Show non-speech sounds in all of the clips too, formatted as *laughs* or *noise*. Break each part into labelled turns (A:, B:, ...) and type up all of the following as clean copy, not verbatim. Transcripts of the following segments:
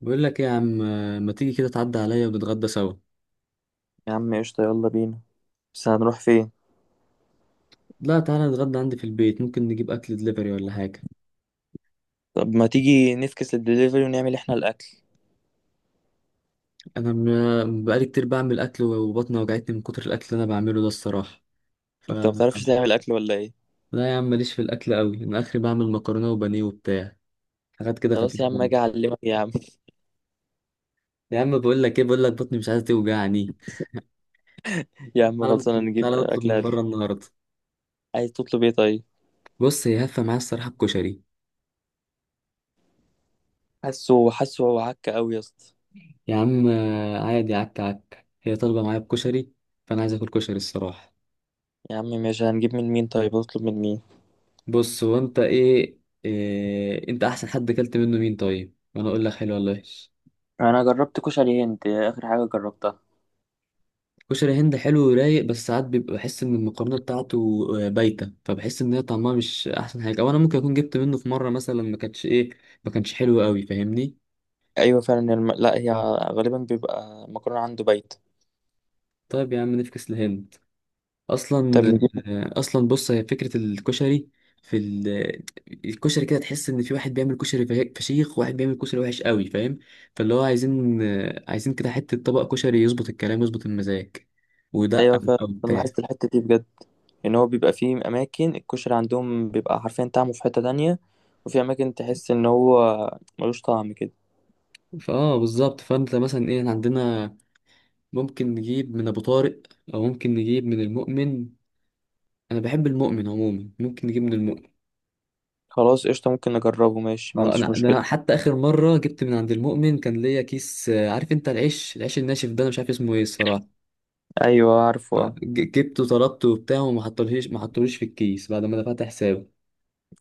A: بقول لك إيه يا عم، ما تيجي كده تعدي عليا ونتغدى سوا.
B: يا عم قشطة، يلا بينا. بس هنروح فين؟
A: لا، تعالى نتغدى عندي في البيت، ممكن نجيب اكل دليفري ولا حاجه.
B: طب ما تيجي نفكس للدليفري ونعمل احنا الاكل.
A: انا بقالي كتير بعمل اكل وبطني وجعتني من كتر الاكل اللي انا بعمله ده الصراحه. ف
B: انت ما بتعرفش تعمل اكل ولا ايه؟
A: لا يا عم، ماليش في الاكل قوي، انا اخري بعمل مكرونه وبانيه وبتاع، حاجات كده
B: خلاص يا
A: خفيفه
B: عم، اجي
A: خالص.
B: اعلمك يا عم.
A: يا عم بقول لك ايه، بقول لك بطني مش عايزه توجعني.
B: *laughs* يا عم
A: تعالى
B: خلصانه
A: نطلب،
B: نجيب
A: تعالى نطلب
B: اكل
A: من بره النهارده.
B: عايز تطلب ايه طيب؟
A: بص، هي هفه معايا الصراحه بكشري.
B: حاسه هو عك قوي يا اسطى.
A: يا عم عادي، عك عك، هي طالبه معايا بكشري، فانا عايز اكل كشري الصراحه.
B: يا عم ماشي، هنجيب من مين طيب؟ هطلب من مين؟
A: بص، إيه انت احسن حد اكلت منه مين طيب، وانا اقول لك حلو ولا وحش؟
B: انا جربت كشري هند آخر حاجة جربتها.
A: كشري هند حلو ورايق، بس ساعات بيبقى بحس ان المقارنه بتاعته بايته، فبحس ان هي طعمها مش احسن حاجه، او انا ممكن اكون جبت منه في مره مثلا ما كانتش ايه ما كانش حلو قوي، فاهمني؟
B: ايوه فعلا لا، هي غالبا بيبقى مكرونه عنده بايت.
A: طيب يا عم نفكس لهند. اصلا،
B: طب
A: اصلا بص، هي فكره الكشري في ال... الكشري كده تحس ان في واحد بيعمل كشري فشيخ، وواحد بيعمل كشري وحش قوي، فاهم؟ فاللي هو عايزين، عايزين كده حته طبق كشري يظبط الكلام، يظبط المزاج، ويدقق
B: ايوه فعلا،
A: بقى
B: أنا
A: وبتاع.
B: لاحظت الحته دي بجد، ان هو بيبقى فيه اماكن الكشري عندهم بيبقى حرفيا طعمه في حته تانية، وفي اماكن تحس ان هو ملوش طعم كده.
A: فاه بالظبط. فانت مثلا ايه، إحنا عندنا ممكن نجيب من ابو طارق، او ممكن نجيب من المؤمن. انا بحب المؤمن عموما، ممكن نجيب من المؤمن.
B: خلاص قشطه، ممكن نجربه، ماشي، ما
A: اه انا
B: عنديش
A: ده،
B: مشكله.
A: أنا حتى اخر مره جبت من عند المؤمن كان ليا كيس، عارف انت العيش، العيش الناشف ده انا مش عارف اسمه ايه الصراحه.
B: ايوه، عارفه آه.
A: جبته، طلبته وبتاع، وما حطولهيش، ما حطوليش في الكيس بعد ما دفعت حسابه.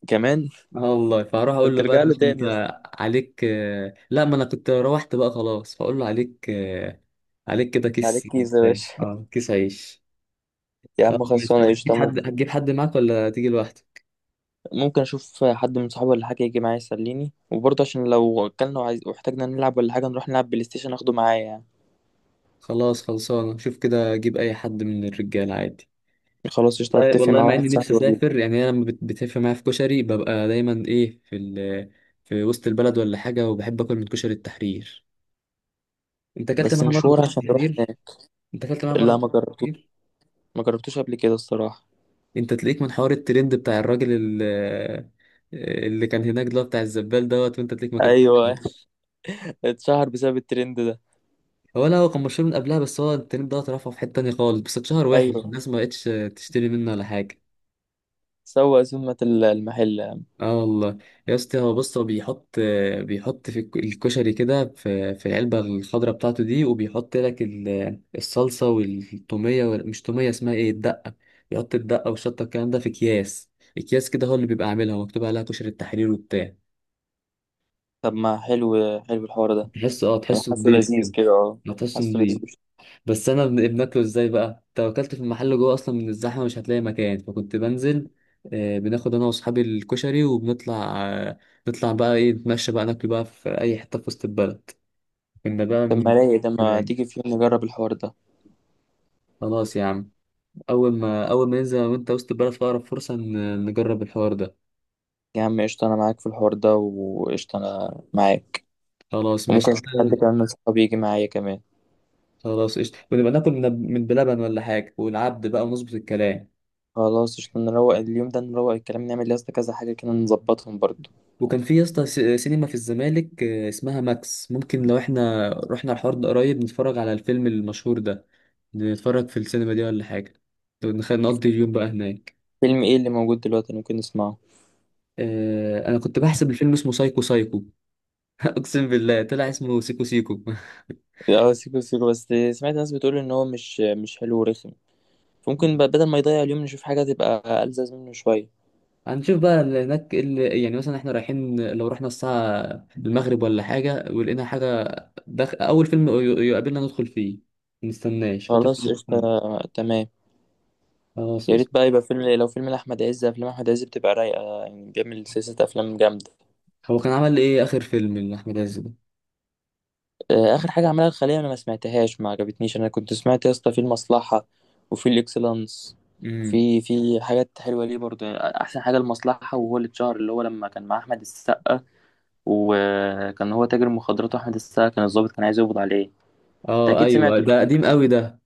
B: كمان.
A: اه والله. فهروح اقول
B: كنت
A: له بقى، يا
B: ارجع له
A: باشا انت
B: تاني يا اسطى.
A: عليك لا ما انا كنت روحت بقى خلاص، فاقول له عليك عليك كده
B: عليك
A: كيس
B: كيس يا
A: بتاع.
B: باشا.
A: اه كيس عيش.
B: *laughs* يا
A: خلاص
B: عم
A: ماشي.
B: خلصانه
A: هتجيب
B: قشطه،
A: حد،
B: ممكن
A: هتجيب حد معاك ولا تيجي لوحدك؟
B: ممكن اشوف حد من صحابي ولا حاجه يجي معايا يسليني، وبرضه عشان لو اكلنا وعايز واحتاجنا نلعب ولا حاجه نروح نلعب بلاي ستيشن اخده معايا يعني.
A: خلاص خلصانه، شوف كده اجيب اي حد من الرجاله عادي.
B: خلاص قشطه،
A: والله
B: اتفق
A: والله،
B: مع
A: مع
B: واحد
A: اني نفسي
B: صاحبي واجيبه.
A: اسافر يعني، انا لما بتفق معايا في كشري ببقى دايما ايه، في وسط البلد ولا حاجه، وبحب اكل من كشري التحرير. انت اكلت
B: بس
A: معاها مره
B: مشوار
A: بكشك
B: عشان نروح
A: تحرير؟
B: هناك.
A: انت اكلت معاها مره
B: لا، ما
A: بكشك
B: جربتوش.
A: تحرير؟
B: ما جربتوش قبل كده الصراحة.
A: انت تلاقيك من حوار الترند بتاع الراجل ال- اللي كان هناك ده، بتاع الزبال دوت، وانت تلاقيك ما اكلت.
B: ايوه. *laughs* اتشهر بسبب الترند ده.
A: هو لا، هو كان مشهور من قبلها، بس هو الترند ده رفعه في حته تانية خالص، بس اتشهر وحش،
B: ايوه.
A: الناس ما بقتش تشتري منه ولا حاجه.
B: سوق سمة المحل.
A: اه والله. يا اسطى هو بص، هو بيحط، بيحط في الكشري كده في في العلبه الخضراء بتاعته دي، وبيحط لك الصلصه والتوميه مش توميه، اسمها ايه، الدقه. بيحط الدقه والشطه، الكلام ده في اكياس، اكياس كده هو اللي بيبقى عاملها، مكتوب عليها كشري التحرير وبتاع.
B: طب ما حلو، حلو الحوار ده.
A: تحسه اه،
B: يعني
A: تحسه
B: حاسه
A: نضيف
B: لذيذ
A: كده.
B: كده، اه.
A: ما تحسه
B: حاسه لذيذ.
A: نضيف. بس انا بناكله ازاي بقى، توكلت في المحل جوه اصلا من الزحمه مش هتلاقي مكان، فكنت بنزل بناخد انا واصحابي الكشري وبنطلع، نطلع بقى ايه، نتمشى بقى، ناكل بقى في اي حته في وسط البلد. كنا بقى
B: طب
A: من...
B: ما رايق ده، ما تيجي في يوم نجرب الحوار ده.
A: خلاص يا عم، اول ما ننزل أنا وانت وسط البلد في اقرب فرصه نجرب الحوار ده.
B: يا عم قشطة، انا معاك في الحوار ده، وقشطة انا معاك.
A: خلاص ماشي
B: وممكن اشوف
A: انت.
B: حد كمان من صحابي يجي معايا كمان.
A: خلاص قشطه، ونبقى ناكل من بلبن ولا حاجه والعبد بقى، ونظبط الكلام.
B: خلاص قشطة، نروق اليوم ده، نروق الكلام، نعمل لسه كذا حاجة كده، نظبطهم برضه.
A: وكان في يا اسطى سينما في الزمالك اسمها ماكس، ممكن لو احنا رحنا الحوار ده قريب، نتفرج على الفيلم المشهور ده، نتفرج في السينما دي ولا حاجة، نقضي اليوم بقى هناك.
B: فيلم ايه اللي موجود دلوقتي ممكن نسمعه؟
A: انا كنت بحسب الفيلم اسمه سايكو سايكو، *laughs* اقسم بالله طلع اسمه سيكو سيكو. *laughs*
B: اه، سيكو سيكو، بس سمعت ناس بتقول ان هو مش حلو ورخم. فممكن بقى بدل ما يضيع اليوم نشوف حاجة تبقى ألذذ منه شوية.
A: هنشوف بقى اللي هناك إيه، اللي يعني مثلا احنا رايحين، لو رحنا الساعة المغرب ولا حاجة ولقينا حاجة، دخ... أول فيلم يقابلنا ندخل فيه، منستناش
B: خلاص
A: خاطر.
B: قشطة. تمام.
A: خلاص
B: يا ريت
A: قشطة.
B: بقى يبقى فيلم، لو فيلم لأحمد عز، أفلام أحمد عز بتبقى رايقة يعني، بيعمل سلسلة أفلام جامدة.
A: هو كان عمل إيه آخر فيلم لأحمد عز ده؟
B: آه، آخر حاجة عملها الخلية، أنا ما سمعتهاش، ما عجبتنيش. أنا كنت سمعت يا اسطى في المصلحة وفي الإكسلانس.
A: امم
B: في حاجات حلوة ليه برضه يعني. أحسن حاجة المصلحة، وهو اللي اتشهر، اللي هو لما كان مع أحمد السقا، وكان هو تاجر مخدرات وأحمد السقا كان الضابط كان عايز يقبض عليه. أنت
A: اه
B: أكيد
A: ايوه،
B: سمعته الفيلم.
A: ده قديم قوي ده.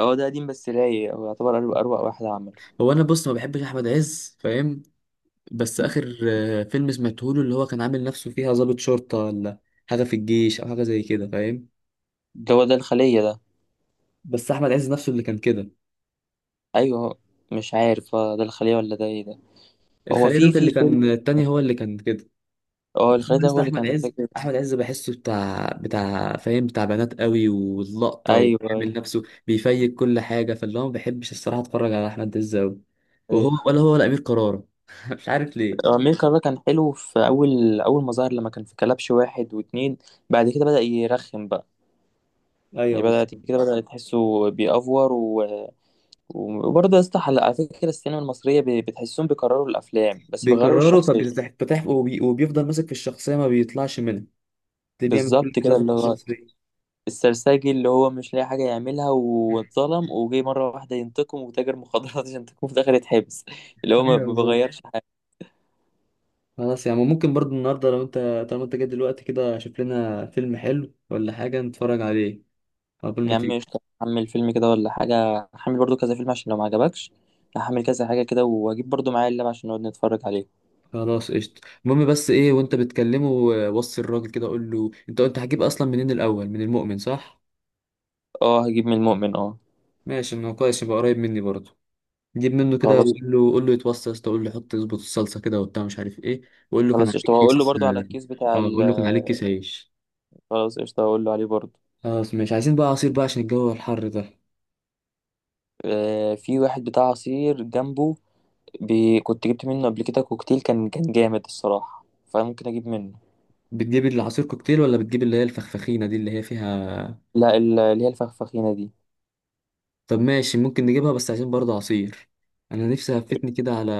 B: هو ده قديم بس رايق، هو يعتبر أروع أروع واحد عمل.
A: هو انا بص ما بحبش احمد عز، فاهم؟ بس اخر فيلم سمعته له، اللي هو كان عامل نفسه فيها ضابط شرطه، ولا حاجه في الجيش او حاجه زي كده، فاهم؟
B: ده هو ده الخلية ده.
A: بس احمد عز نفسه اللي كان كده.
B: أيوه. مش عارف، ده الخلية ولا ده إيه ده. هو
A: الخليه
B: في
A: دوت
B: في
A: اللي
B: فيلم،
A: كان التاني هو اللي كان كده.
B: هو
A: بس
B: الخلية
A: انا
B: ده هو
A: لسه
B: اللي
A: احمد
B: كان
A: عز،
B: فاكر.
A: احمد عز بحسه بتاع بتاع فاهم، بتاع بنات قوي واللقطه،
B: أيوه.
A: وبيعمل نفسه بيفيك كل حاجه، فاللي هو ما بحبش الصراحه اتفرج على احمد عز قوي. وهو،
B: أيوه،
A: ولا امير كرارة، *laughs* مش عارف ليه.
B: آه، أمير كرارة كان حلو في أول أول ما ظهر، لما كان في كلبش واحد واتنين. بعد كده بدأ يرخم بقى.
A: ايوه
B: يعني بدأ
A: بالظبط،
B: كده، بدأ تحسه بيأفور وبرضه يا اسطى، على فكرة السينما المصرية بتحسهم بيكرروا الأفلام بس بيغيروا
A: بيكرره
B: الشخصية.
A: فبيتفتح، وبيفضل ماسك في الشخصية ما بيطلعش منها، ده بيعمل
B: بالظبط
A: كل حاجة
B: كده، اللي
A: في
B: هو
A: الشخصية.
B: السرساجي، اللي هو مش لاقي حاجة يعملها واتظلم وجي مرة واحدة ينتقم وتاجر مخدرات *laughs* عشان ينتقم في الآخر يتحبس. اللي هو ما
A: ايوه
B: ما
A: بالظبط.
B: بيغيرش حاجة.
A: خلاص يعني ممكن برضو النهارده لو انت، طالما انت جاي دلوقتي كده، شوف لنا فيلم حلو ولا حاجة نتفرج عليه قبل
B: يا
A: ما
B: عم
A: تيجي.
B: قشطة، هحمل فيلم كده ولا حاجة، هحمل برضو كذا فيلم عشان لو ما عجبكش. هحمل كذا حاجة كده، وهجيب برضو معايا اللاب عشان نقعد نتفرج عليه.
A: خلاص قشطة. المهم بس ايه، وانت بتكلمه وصي الراجل كده، قول له انت، انت هتجيب اصلا منين الاول، من المؤمن صح؟
B: اه، هجيب من المؤمن اه.
A: ماشي، ما هو كويس، يبقى قريب مني برضه. جيب منه كده
B: خلاص.
A: وقول له، قول له يتوصى يا اسطى، قول له حط، يظبط الصلصه كده وبتاع مش عارف ايه. وقول له كان
B: خلاص قشطة،
A: عليك
B: وهقول له
A: كيس.
B: برضو على الكيس بتاع
A: اه قول له كان عليك كيس عيش.
B: خلاص قشطة، هقول له عليه برضو.
A: خلاص ماشي. عايزين بقى عصير بقى عشان الجو الحر ده.
B: آه، في واحد بتاع عصير جنبه. كنت جبت منه قبل كده كوكتيل، كان جامد الصراحة، فممكن أجيب منه.
A: بتجيب العصير كوكتيل، ولا بتجيب اللي هي الفخفخينة دي اللي هي فيها؟
B: لا، اللي هي الفخفخينة دي.
A: طب ماشي، ممكن نجيبها، بس عايزين برضه عصير. انا نفسي هفتني كده على،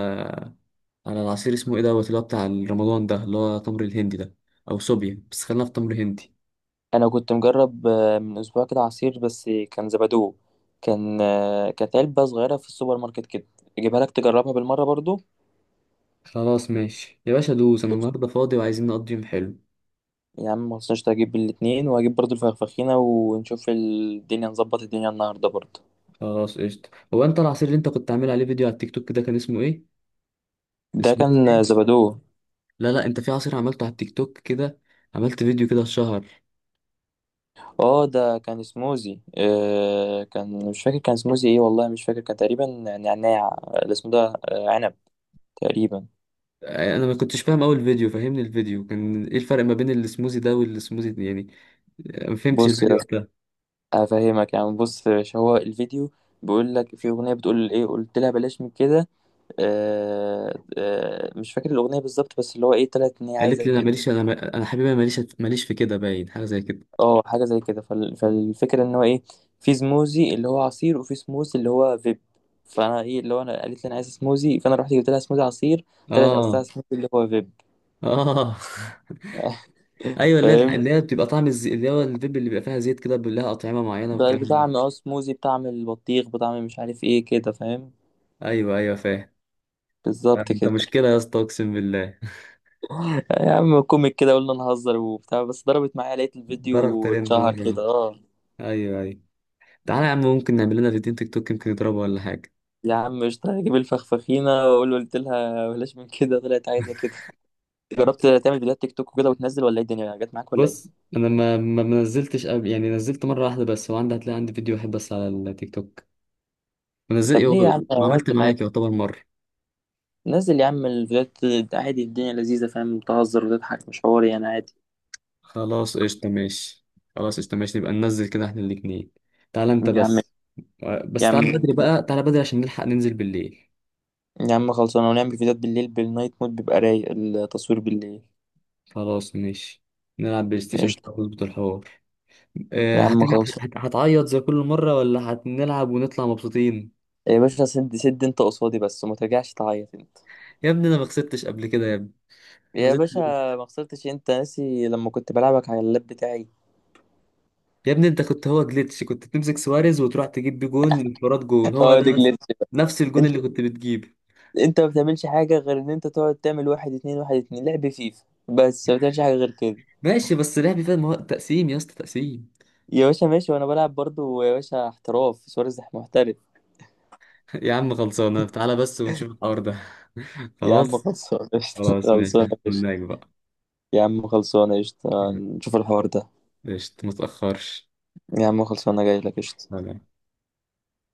A: على العصير اسمه ايه دوت، اللي هو بتاع رمضان ده اللي هو تمر الهندي ده، او صوبيا، بس خلينا في تمر هندي.
B: أنا كنت مجرب من أسبوع كده عصير، بس كان زبادو. كان كانت علبة صغيرة في السوبر ماركت كده. أجيبها لك تجربها بالمرة برضو.
A: خلاص ماشي يا باشا، دوس، انا النهارده فاضي وعايزين نقضي يوم حلو.
B: يا عم مخصناش، هجيب الاتنين وهجيب برضو الفخفخينة ونشوف الدنيا، نظبط الدنيا النهاردة برضو.
A: خلاص قشطة. هو انت العصير اللي انت كنت عامل عليه فيديو على التيك توك ده كان اسمه ايه؟
B: ده
A: اسمه
B: كان
A: ايه؟
B: زبادو.
A: لا لا، انت في عصير عملته على التيك توك كده، عملت فيديو كده شهر.
B: اه، ده كان سموزي، كان مش فاكر، كان سموزي ايه والله مش فاكر، كان تقريبا نعناع الاسم ده. آه، عنب، تقريبا.
A: انا ما كنتش فاهم اول فيديو، فهمني الفيديو كان ايه، الفرق ما بين السموزي ده والسموزي ده يعني؟ ما فهمتش
B: بص
A: الفيديو
B: يا
A: وقتها.
B: افهمك يعني، بص يا باشا. هو الفيديو بيقول لك، في اغنيه بتقول ايه قلت لها بلاش من كده. آه، آه، مش فاكر الاغنيه بالظبط، بس اللي هو ايه، طلعت ان هي عايزه
A: قالت لي انا
B: كده.
A: ماليش، انا انا حبيبي أنا ماليش، ماليش في كده، باين حاجه زي كده.
B: اه، حاجه زي كده، فالفكره ان هو ايه، في سموزي اللي هو عصير وفي سموزي اللي هو فيب. فانا ايه، اللي هو انا قالت لي انا عايزه سموزي، فانا رحت جبت لها سموزي عصير. طلعت
A: اه.
B: قصدها سموزي اللي هو فيب.
A: اه. *laughs*
B: *laughs*
A: ايوه، اللي هي
B: فاهم.
A: اللي هي بتبقى طعم الزي... اللي هو الفيب اللي بيبقى فيها زيت كده، بيبقى لها اطعمه معينه
B: ده
A: والكلام ده.
B: بطعم، اه، سموزي بطعم البطيخ، بطعم مش عارف ايه كده، فاهم.
A: ايوه ايوه فاهم.
B: بالظبط
A: انت
B: كده.
A: مشكله يا اسطى، اقسم بالله.
B: يا عم كوميك كده، قلنا نهزر وبتاع، بس ضربت معايا، لقيت
A: ضرب
B: الفيديو
A: ترند
B: اتشهر
A: مره.
B: كده، اه.
A: ايوه ايوه. تعالى يا عم، ممكن نعمل لنا فيديو تيك توك يمكن يضربه ولا حاجه.
B: يا عم قشطة، هجيب الفخفخينة واقول له قلت لها بلاش من كده، طلعت عايزة كده. جربت تعمل فيديوهات تيك توك وكده وتنزل، ولا ايه الدنيا جت معاك ولا
A: بص
B: ايه؟
A: انا ما نزلتش قبل يعني، نزلت مره واحده بس، وعندي هتلاقي عندي فيديو واحد بس على التيك توك، ونزل.
B: طب ليه يا عم؟
A: وعملت
B: نزل عادي.
A: معاك، يعتبر مره.
B: نزل يا عم الفيديوهات عادي، الدنيا لذيذة، فاهم تهزر وتضحك، مش حواري انا عادي.
A: خلاص قشطه ماشي. خلاص قشطه ماشي، نبقى ننزل كده احنا الاتنين. تعالى انت
B: يا عم،
A: بس. بس
B: يا
A: تعالى
B: عم،
A: بدري بقى، تعالى بدري عشان نلحق ننزل بالليل.
B: يا عم، خلصانة، ونعمل فيديوهات بالليل، بالنايت مود بيبقى رايق التصوير بالليل.
A: خلاص ماشي. نلعب بلاي ستيشن كده
B: قشطة.
A: ونظبط الحوار.
B: يا عم
A: هتلعب
B: خلصانة.
A: هتعيط زي كل مره ولا هنلعب ونطلع مبسوطين؟
B: يا باشا سد سد انت قصادي بس، وما ترجعش تعيط انت.
A: يا ابني انا ما خسرتش قبل كده يا ابني، أنا
B: يا باشا
A: نزلت.
B: ما خسرتش، انت ناسي لما كنت بلعبك على اللاب بتاعي.
A: يا ابني انت كنت هو جليتش، كنت بتمسك سواريز وتروح تجيب بيه جون انفراد، جون
B: *laughs*
A: هو
B: اه،
A: ده
B: ده
A: بس،
B: جلitch بقى.
A: نفس الجون
B: انت
A: اللي كنت بتجيبه.
B: انت ما بتعملش حاجه غير ان انت تقعد تعمل واحد اتنين، واحد اتنين، لعب فيفا بس، ما بتعملش حاجه غير كده.
A: ماشي بس لعبي فاهم، هو تقسيم يا اسطى، تقسيم.
B: يا باشا ماشي، وانا بلعب برضو يا باشا احتراف سواريز محترف.
A: *laughs* يا عم خلصانه، تعالى بس ونشوف الحوار ده. *laughs*
B: يا عم
A: خلاص.
B: خلصانه *laughs* قشطه،
A: خلاص ماشي،
B: خلصانه قشطه.
A: هناك بقى.
B: يا عم خلصانه قشطه،
A: *laughs*
B: نشوف الحوار ده.
A: قشطة، ما تأخرش.
B: يا عم خلصانه، جاي لك قشطه.